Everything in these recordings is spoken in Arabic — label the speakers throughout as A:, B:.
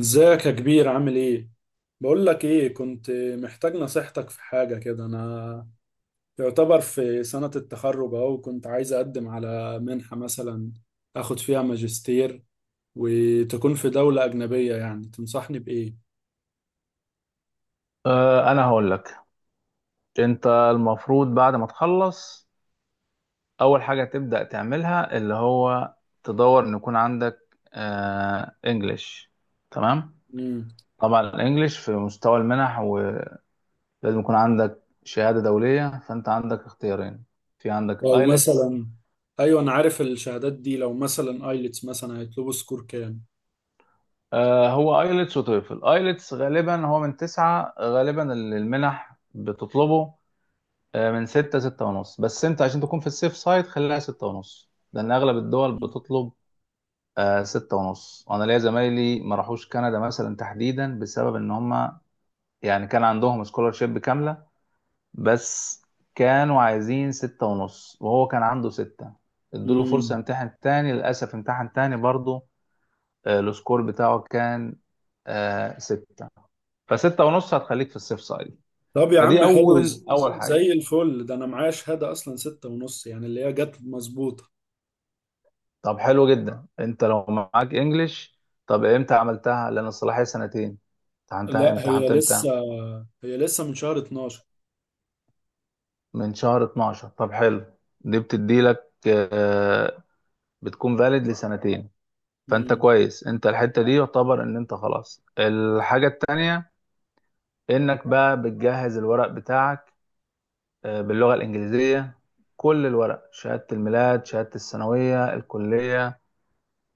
A: ازيك يا كبير، عامل ايه؟ بقول لك ايه، كنت محتاج نصيحتك في حاجة كده. انا يعتبر في سنة التخرج اهو، كنت عايز اقدم على منحة مثلا اخد فيها ماجستير وتكون في دولة اجنبية. يعني تنصحني بايه؟
B: انا هقول لك، انت المفروض بعد ما تخلص اول حاجه تبدا تعملها اللي هو تدور ان يكون عندك انجليش. تمام.
A: امم
B: طبعا الانجليش في مستوى المنح، ولازم يكون عندك شهاده دوليه. فانت عندك اختيارين، في عندك
A: لو
B: الايلتس.
A: مثلا، ايوه، انا عارف الشهادات دي. لو مثلا ايلتس مثلا، هيطلبوا سكور كام؟
B: هو ايلتس وتويفل. ايلتس غالبا هو من تسعة غالبا اللي المنح بتطلبه، من ستة، ستة ونص. بس انت عشان تكون في السيف سايد، خليها ستة ونص، لان اغلب الدول بتطلب ستة ونص. انا ليا زمايلي ما راحوش كندا مثلا تحديدا بسبب ان هم يعني كان عندهم سكولارشيب كاملة، بس كانوا عايزين ستة ونص، وهو كان عنده ستة. ادوله فرصة
A: امم
B: يمتحن تاني، للأسف امتحن تاني برضه، السكور بتاعه كان ستة. فستة ونص هتخليك في السيف سايد.
A: طب يا
B: فدي
A: عم، حلو.
B: أول حاجة.
A: زي الفل ده. انا معايا شهادة اصلا 6.5، يعني اللي هي جت مظبوطة.
B: طب حلو جدا، أنت لو معاك إنجليش، طب إمتى عملتها؟ لأن الصلاحية سنتين. امتحنتها،
A: لا، هي
B: امتحنت إمتى؟
A: لسه هي لسه من شهر 12.
B: من شهر 12؟ طب حلو، دي بتديلك بتكون فاليد لسنتين. فانت
A: امم
B: كويس، انت الحتة دي يعتبر ان انت خلاص. الحاجة التانية انك بقى بتجهز الورق بتاعك باللغة الانجليزية. كل الورق، شهادة الميلاد، شهادة الثانوية، الكلية،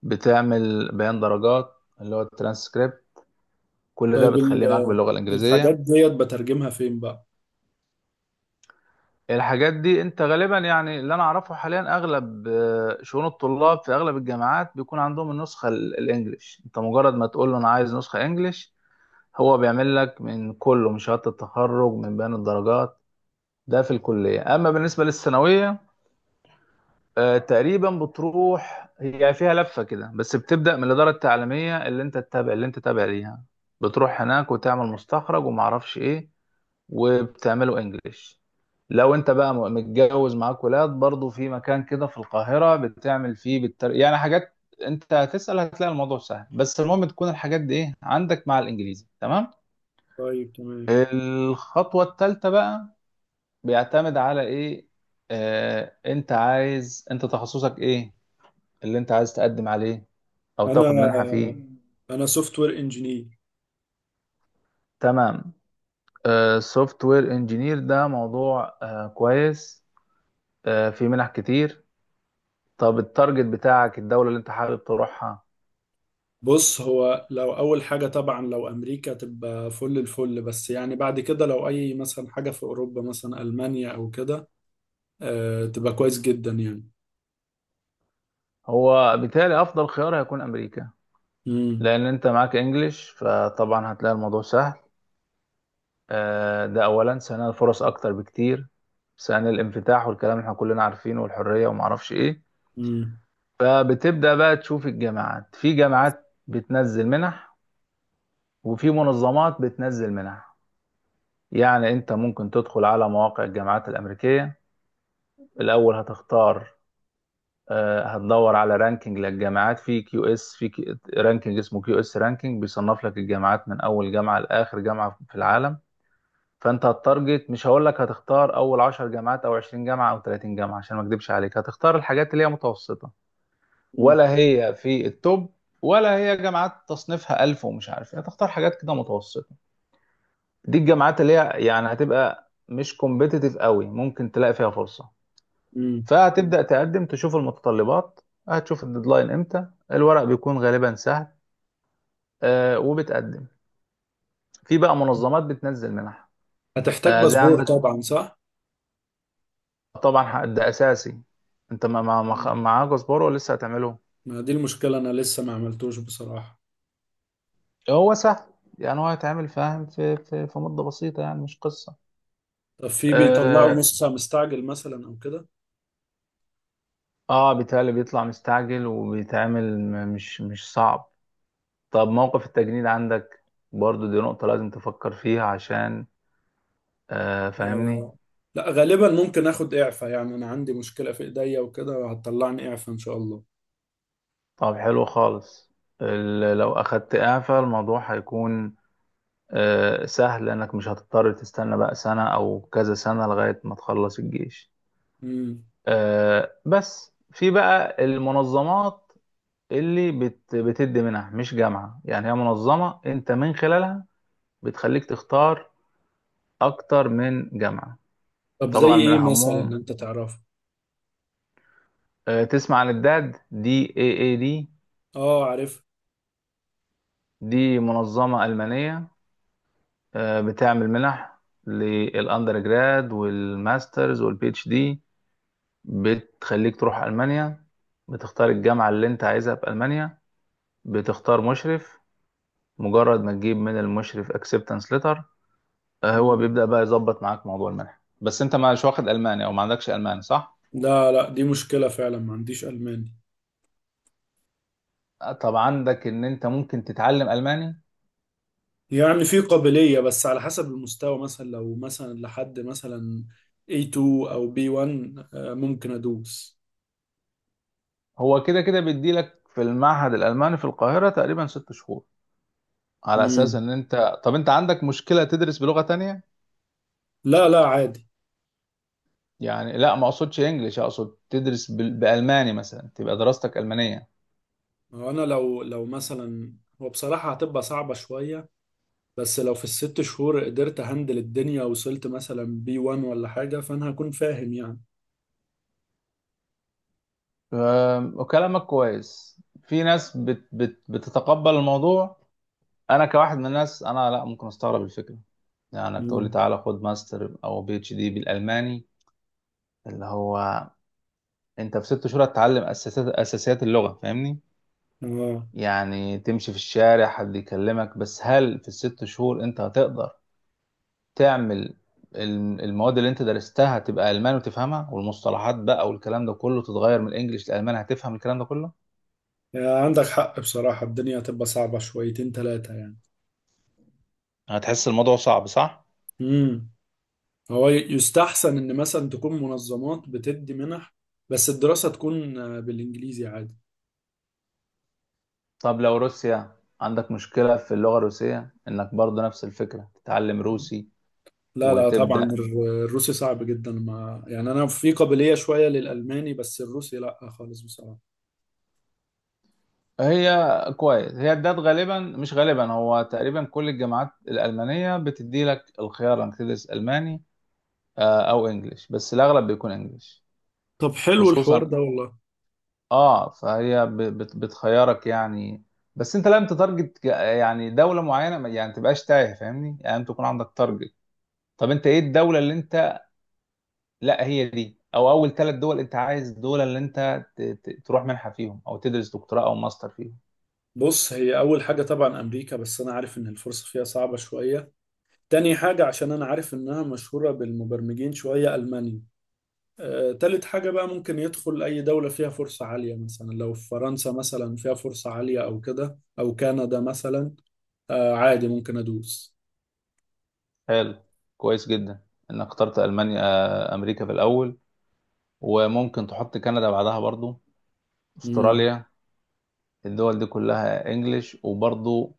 B: بتعمل بيان درجات اللي هو الترانسكريبت. كل ده
A: طيب،
B: بتخليه معاك باللغة
A: الحاجات
B: الانجليزية.
A: ديت بترجمها فين بقى؟
B: الحاجات دي انت غالبا، يعني اللي انا اعرفه حاليا، اغلب شؤون الطلاب في اغلب الجامعات بيكون عندهم النسخه الانجليش. انت مجرد ما تقول له انا عايز نسخه انجليش، هو بيعمل لك من كله، من شهاده التخرج، من بيان الدرجات. ده في الكليه، اما بالنسبه للثانويه، تقريبا بتروح، هي فيها لفه كده، بس بتبدا من الاداره التعليميه اللي انت تتابع، اللي انت تابع ليها. بتروح هناك وتعمل مستخرج وما اعرفش ايه، وبتعمله انجليش. لو انت بقى متجوز معاك ولاد، برضو في مكان كده في القاهرة بتعمل فيه بالتر... يعني حاجات. انت هتسأل، هتلاقي الموضوع سهل، بس المهم تكون الحاجات دي ايه، عندك مع الانجليزي تمام.
A: طيب، تمام.
B: الخطوة الثالثة بقى بيعتمد على ايه؟ انت عايز، انت تخصصك ايه اللي انت عايز تقدم عليه او
A: انا
B: تاخد منحة فيه؟
A: انا سوفت وير انجينير.
B: تمام. سوفت وير انجينير، ده موضوع كويس، في منح كتير. طب التارجت بتاعك، الدولة اللي انت حابب تروحها؟
A: بص، هو لو اول حاجه طبعا لو امريكا، تبقى فل الفل. بس يعني بعد كده، لو اي مثلا حاجه في اوروبا مثلا المانيا او كده، تبقى كويس جدا يعني.
B: هو بالتالي افضل خيار هيكون امريكا،
A: امم
B: لان انت معاك انجليش، فطبعا هتلاقي الموضوع سهل. ده اولا. ثانيا، الفرص اكتر بكتير. ثانيا، الانفتاح والكلام اللي احنا كلنا عارفينه والحرية ومعرفش ايه.
A: امم
B: فبتبدأ بقى تشوف الجامعات، في جامعات بتنزل منح وفي منظمات بتنزل منح. يعني انت ممكن تدخل على مواقع الجامعات الامريكية. الاول هتختار، هتدور على رانكينج للجامعات، في كيو اس، في رانكينج اسمه كيو اس رانكينج، بيصنف لك الجامعات من اول جامعه لاخر جامعه في العالم. فانت هتارجت، مش هقول لك هتختار اول 10 جامعات او 20 جامعه او 30 جامعه عشان ما اكدبش عليك، هتختار الحاجات اللي هي متوسطه،
A: امم
B: ولا هي في التوب، ولا هي جامعات تصنيفها 1000 ومش عارف ايه. هتختار حاجات كده متوسطه. دي الجامعات اللي هي يعني هتبقى مش كومبيتيتيف قوي، ممكن تلاقي فيها فرصه.
A: أمم.
B: فهتبدأ تقدم، تشوف المتطلبات، هتشوف الديدلاين امتى. الورق بيكون غالبا سهل، وبتقدم. في بقى منظمات بتنزل منح.
A: هتحتاج
B: زي
A: باسبور
B: عندك
A: طبعا، صح؟
B: طبعا ده اساسي. انت ما ما- ما خ-
A: مم.
B: معاك اصباره ولسه هتعمله؟
A: ما دي المشكله، انا لسه ما عملتوش بصراحه.
B: هو سهل، يعني هو هيتعمل، فاهم، في مدة بسيطة، يعني مش قصة.
A: طب في بيطلعوا
B: اه,
A: نص ساعة مستعجل مثلا او كده؟
B: بيتهيألي بيطلع مستعجل وبيتعمل، مش صعب. طب موقف التجنيد عندك، برضو دي نقطة لازم تفكر فيها عشان فاهمني.
A: آه. لا، غالبا ممكن اخد اعفاء. يعني انا عندي مشكلة في ايديا وكده، وهتطلعني اعفاء ان شاء الله.
B: طب حلو خالص. لو اخدت اعفاء، الموضوع هيكون سهل، لانك مش هتضطر تستنى بقى سنة او كذا سنة لغاية ما تخلص الجيش.
A: امم
B: بس في بقى المنظمات اللي بتدي منح، مش جامعة، يعني هي منظمة انت من خلالها بتخليك تختار اكتر من جامعة.
A: طب زي
B: طبعا من
A: ايه مثلا
B: اهمهم،
A: انت تعرفه؟
B: تسمع عن الداد، دي اي اي دي.
A: اه، عارف.
B: دي منظمة ألمانية، بتعمل منح للأندر جراد والماسترز والبي اتش دي. بتخليك تروح ألمانيا، بتختار الجامعة اللي انت عايزها في ألمانيا، بتختار مشرف، مجرد ما تجيب من المشرف اكسبتنس ليتر، هو
A: امم
B: بيبدأ بقى يظبط معاك موضوع المنح. بس انت مش واخد ألماني، او ما عندكش ألماني، صح؟
A: لا، لا، دي مشكلة فعلا، ما عنديش الماني.
B: طب عندك ان انت ممكن تتعلم ألماني.
A: يعني في قابلية، بس على حسب المستوى، مثلا لو مثلا لحد مثلا A2 او B1، ممكن ادوس.
B: هو كده كده بيديلك في المعهد الألماني في القاهرة تقريبا ست شهور، على أساس
A: امم
B: ان انت، طب انت عندك مشكلة تدرس بلغة تانية؟
A: لا، لا، عادي.
B: يعني لا، ما اقصدش انجليش، اقصد تدرس بالماني مثلا، تبقى دراستك المانيه.
A: هو انا لو مثلا، هو بصراحة هتبقى صعبة شوية. بس لو في الست شهور قدرت هندل الدنيا، وصلت مثلا بي 1 ولا حاجة، فأنا هكون فاهم يعني.
B: أم، وكلامك كويس، في ناس بت بت بتتقبل الموضوع. انا كواحد من الناس انا لا، ممكن استغرب الفكره، يعني انك تقول لي
A: مم.
B: تعالى خد ماستر او بي اتش دي بالالماني. اللي هو انت في ست شهور هتتعلم اساسيات اللغه، فاهمني،
A: اه،
B: يعني تمشي في الشارع حد يكلمك. بس هل في الست شهور انت هتقدر تعمل المواد اللي انت درستها تبقى ألمان وتفهمها، والمصطلحات بقى والكلام ده كله تتغير من الإنجليش للألمان، هتفهم الكلام ده كله؟
A: يعني عندك حق بصراحة، الدنيا هتبقى صعبة شويتين تلاتة يعني.
B: هتحس الموضوع صعب، صح؟
A: امم هو يستحسن إن مثلا تكون منظمات بتدي منح، بس الدراسة تكون بالإنجليزي عادي.
B: طب لو روسيا، عندك مشكلة في اللغة الروسية، إنك برضه نفس الفكرة تتعلم روسي
A: لا، لا، طبعا
B: وتبدأ؟
A: الروسي صعب جدا. ما يعني أنا في قابلية شوية للألماني، بس الروسي لا خالص بصراحة.
B: هي كويس، هي ده غالبا، مش غالبا، هو تقريبا كل الجامعات الألمانية بتدي لك الخيار إنك تدرس ألماني أو إنجليش، بس الأغلب بيكون إنجليش،
A: طب، حلو الحوار
B: خصوصا
A: ده والله.
B: اه. فهي بتخيرك يعني. بس انت لازم تتارجت يعني دوله معينه، يعني ما تبقاش تايه، فاهمني، يعني انت تكون عندك تارجت. طب انت ايه الدوله اللي انت، لا هي دي، او اول ثلاث دول انت عايز، الدول اللي انت تروح منحه فيهم او تدرس دكتوراه او ماستر فيهم؟
A: بص، هي أول حاجة طبعا أمريكا، بس أنا عارف إن الفرصة فيها صعبة شوية. تاني حاجة، عشان أنا عارف إنها مشهورة بالمبرمجين شوية، ألمانيا. تالت حاجة بقى، ممكن يدخل أي دولة فيها فرصة عالية مثلا. لو في فرنسا مثلا فيها فرصة عالية، أو كده، أو كندا مثلا، عادي ممكن أدوس.
B: حلو، كويس جدا انك اخترت المانيا، امريكا في الاول، وممكن تحط كندا بعدها برضو،
A: مم.
B: استراليا. الدول دي كلها انجليش، وبرضو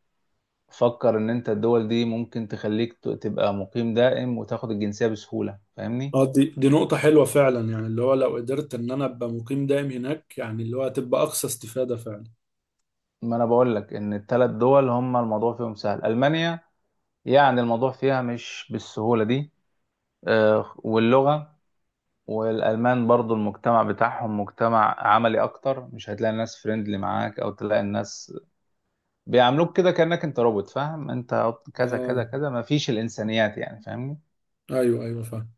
B: فكر ان انت الدول دي ممكن تخليك تبقى مقيم دائم وتاخد الجنسية بسهولة، فاهمني؟
A: اه، دي نقطة حلوة فعلا. يعني اللي هو لو قدرت إن أنا أبقى مقيم دائم هناك، يعني اللي هو هتبقى أقصى استفادة فعلا.
B: ما انا بقول لك ان الثلاث دول هم الموضوع فيهم سهل. المانيا يعني الموضوع فيها مش بالسهولة دي، واللغة. والالمان برضو المجتمع بتاعهم مجتمع عملي اكتر، مش هتلاقي الناس فريندلي معاك، او تلاقي الناس بيعاملوك كده كأنك انت روبوت، فاهم؟ انت كذا كذا
A: اه،
B: كذا، ما فيش الانسانيات يعني، فاهمني؟
A: أيوه، أيوه، فاهم.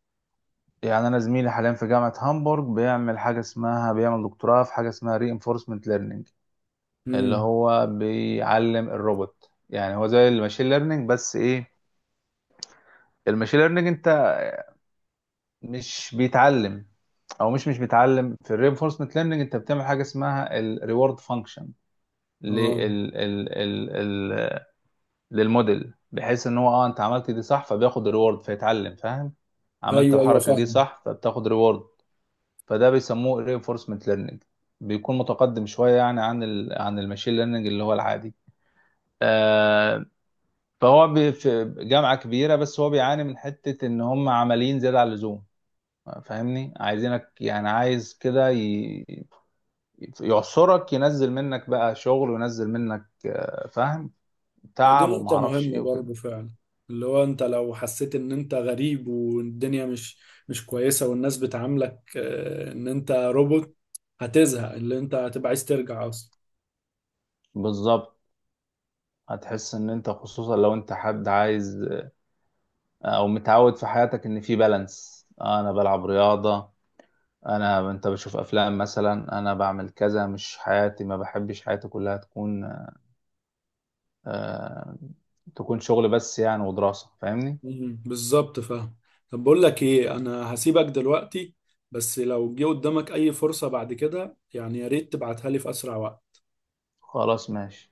B: يعني انا زميلي حاليا في جامعه هامبورغ بيعمل حاجه اسمها، بيعمل دكتوراه في حاجه اسمها ري انفورسمنت ليرنينج، اللي
A: مم.
B: هو بيعلم الروبوت. يعني هو زي الماشين ليرنينج بس ايه، الماشين ليرنينج انت مش بيتعلم، او مش بيتعلم. في الري انفورسمنت ليرنينج، انت بتعمل حاجه اسمها الريورد فانكشن لل
A: اه،
B: ال ال ال للموديل، بحيث ان هو، اه، انت عملت دي صح فبياخد ريورد، فيتعلم، فاهم؟ عملت
A: أيوه، أيوه،
B: الحركه دي
A: فاهم.
B: صح فبتاخد ريورد. فده بيسموه reinforcement learning، بيكون متقدم شوية يعني عن ال عن الماشين ليرنينج اللي هو العادي. آه فهو في جامعة كبيرة، بس هو بيعاني من حتة إن هم عمليين زيادة عن اللزوم، فاهمني؟ عايزينك يعني، عايز كده يعصرك، ينزل منك بقى شغل، وينزل منك فاهم،
A: هي دي
B: تعب
A: نقطة
B: ومعرفش ايه
A: مهمة
B: وكده.
A: برضه فعلا. اللي هو انت لو حسيت ان انت غريب والدنيا مش كويسة، والناس بتعاملك ان انت روبوت، هتزهق، اللي انت هتبقى عايز ترجع اصلا.
B: بالظبط، هتحس ان انت، خصوصا لو انت حد عايز او متعود في حياتك ان في بالانس، انا بلعب رياضة، انا انت بشوف افلام مثلا، انا بعمل كذا، مش حياتي، ما بحبش حياتي كلها تكون آه تكون شغل بس يعني، ودراسة، فاهمني؟
A: بالظبط، فاهم. طب، بقول لك ايه، انا هسيبك دلوقتي. بس لو جه قدامك اي فرصة بعد كده يعني، يا ريت تبعتها لي في اسرع وقت.
B: خلاص ماشي.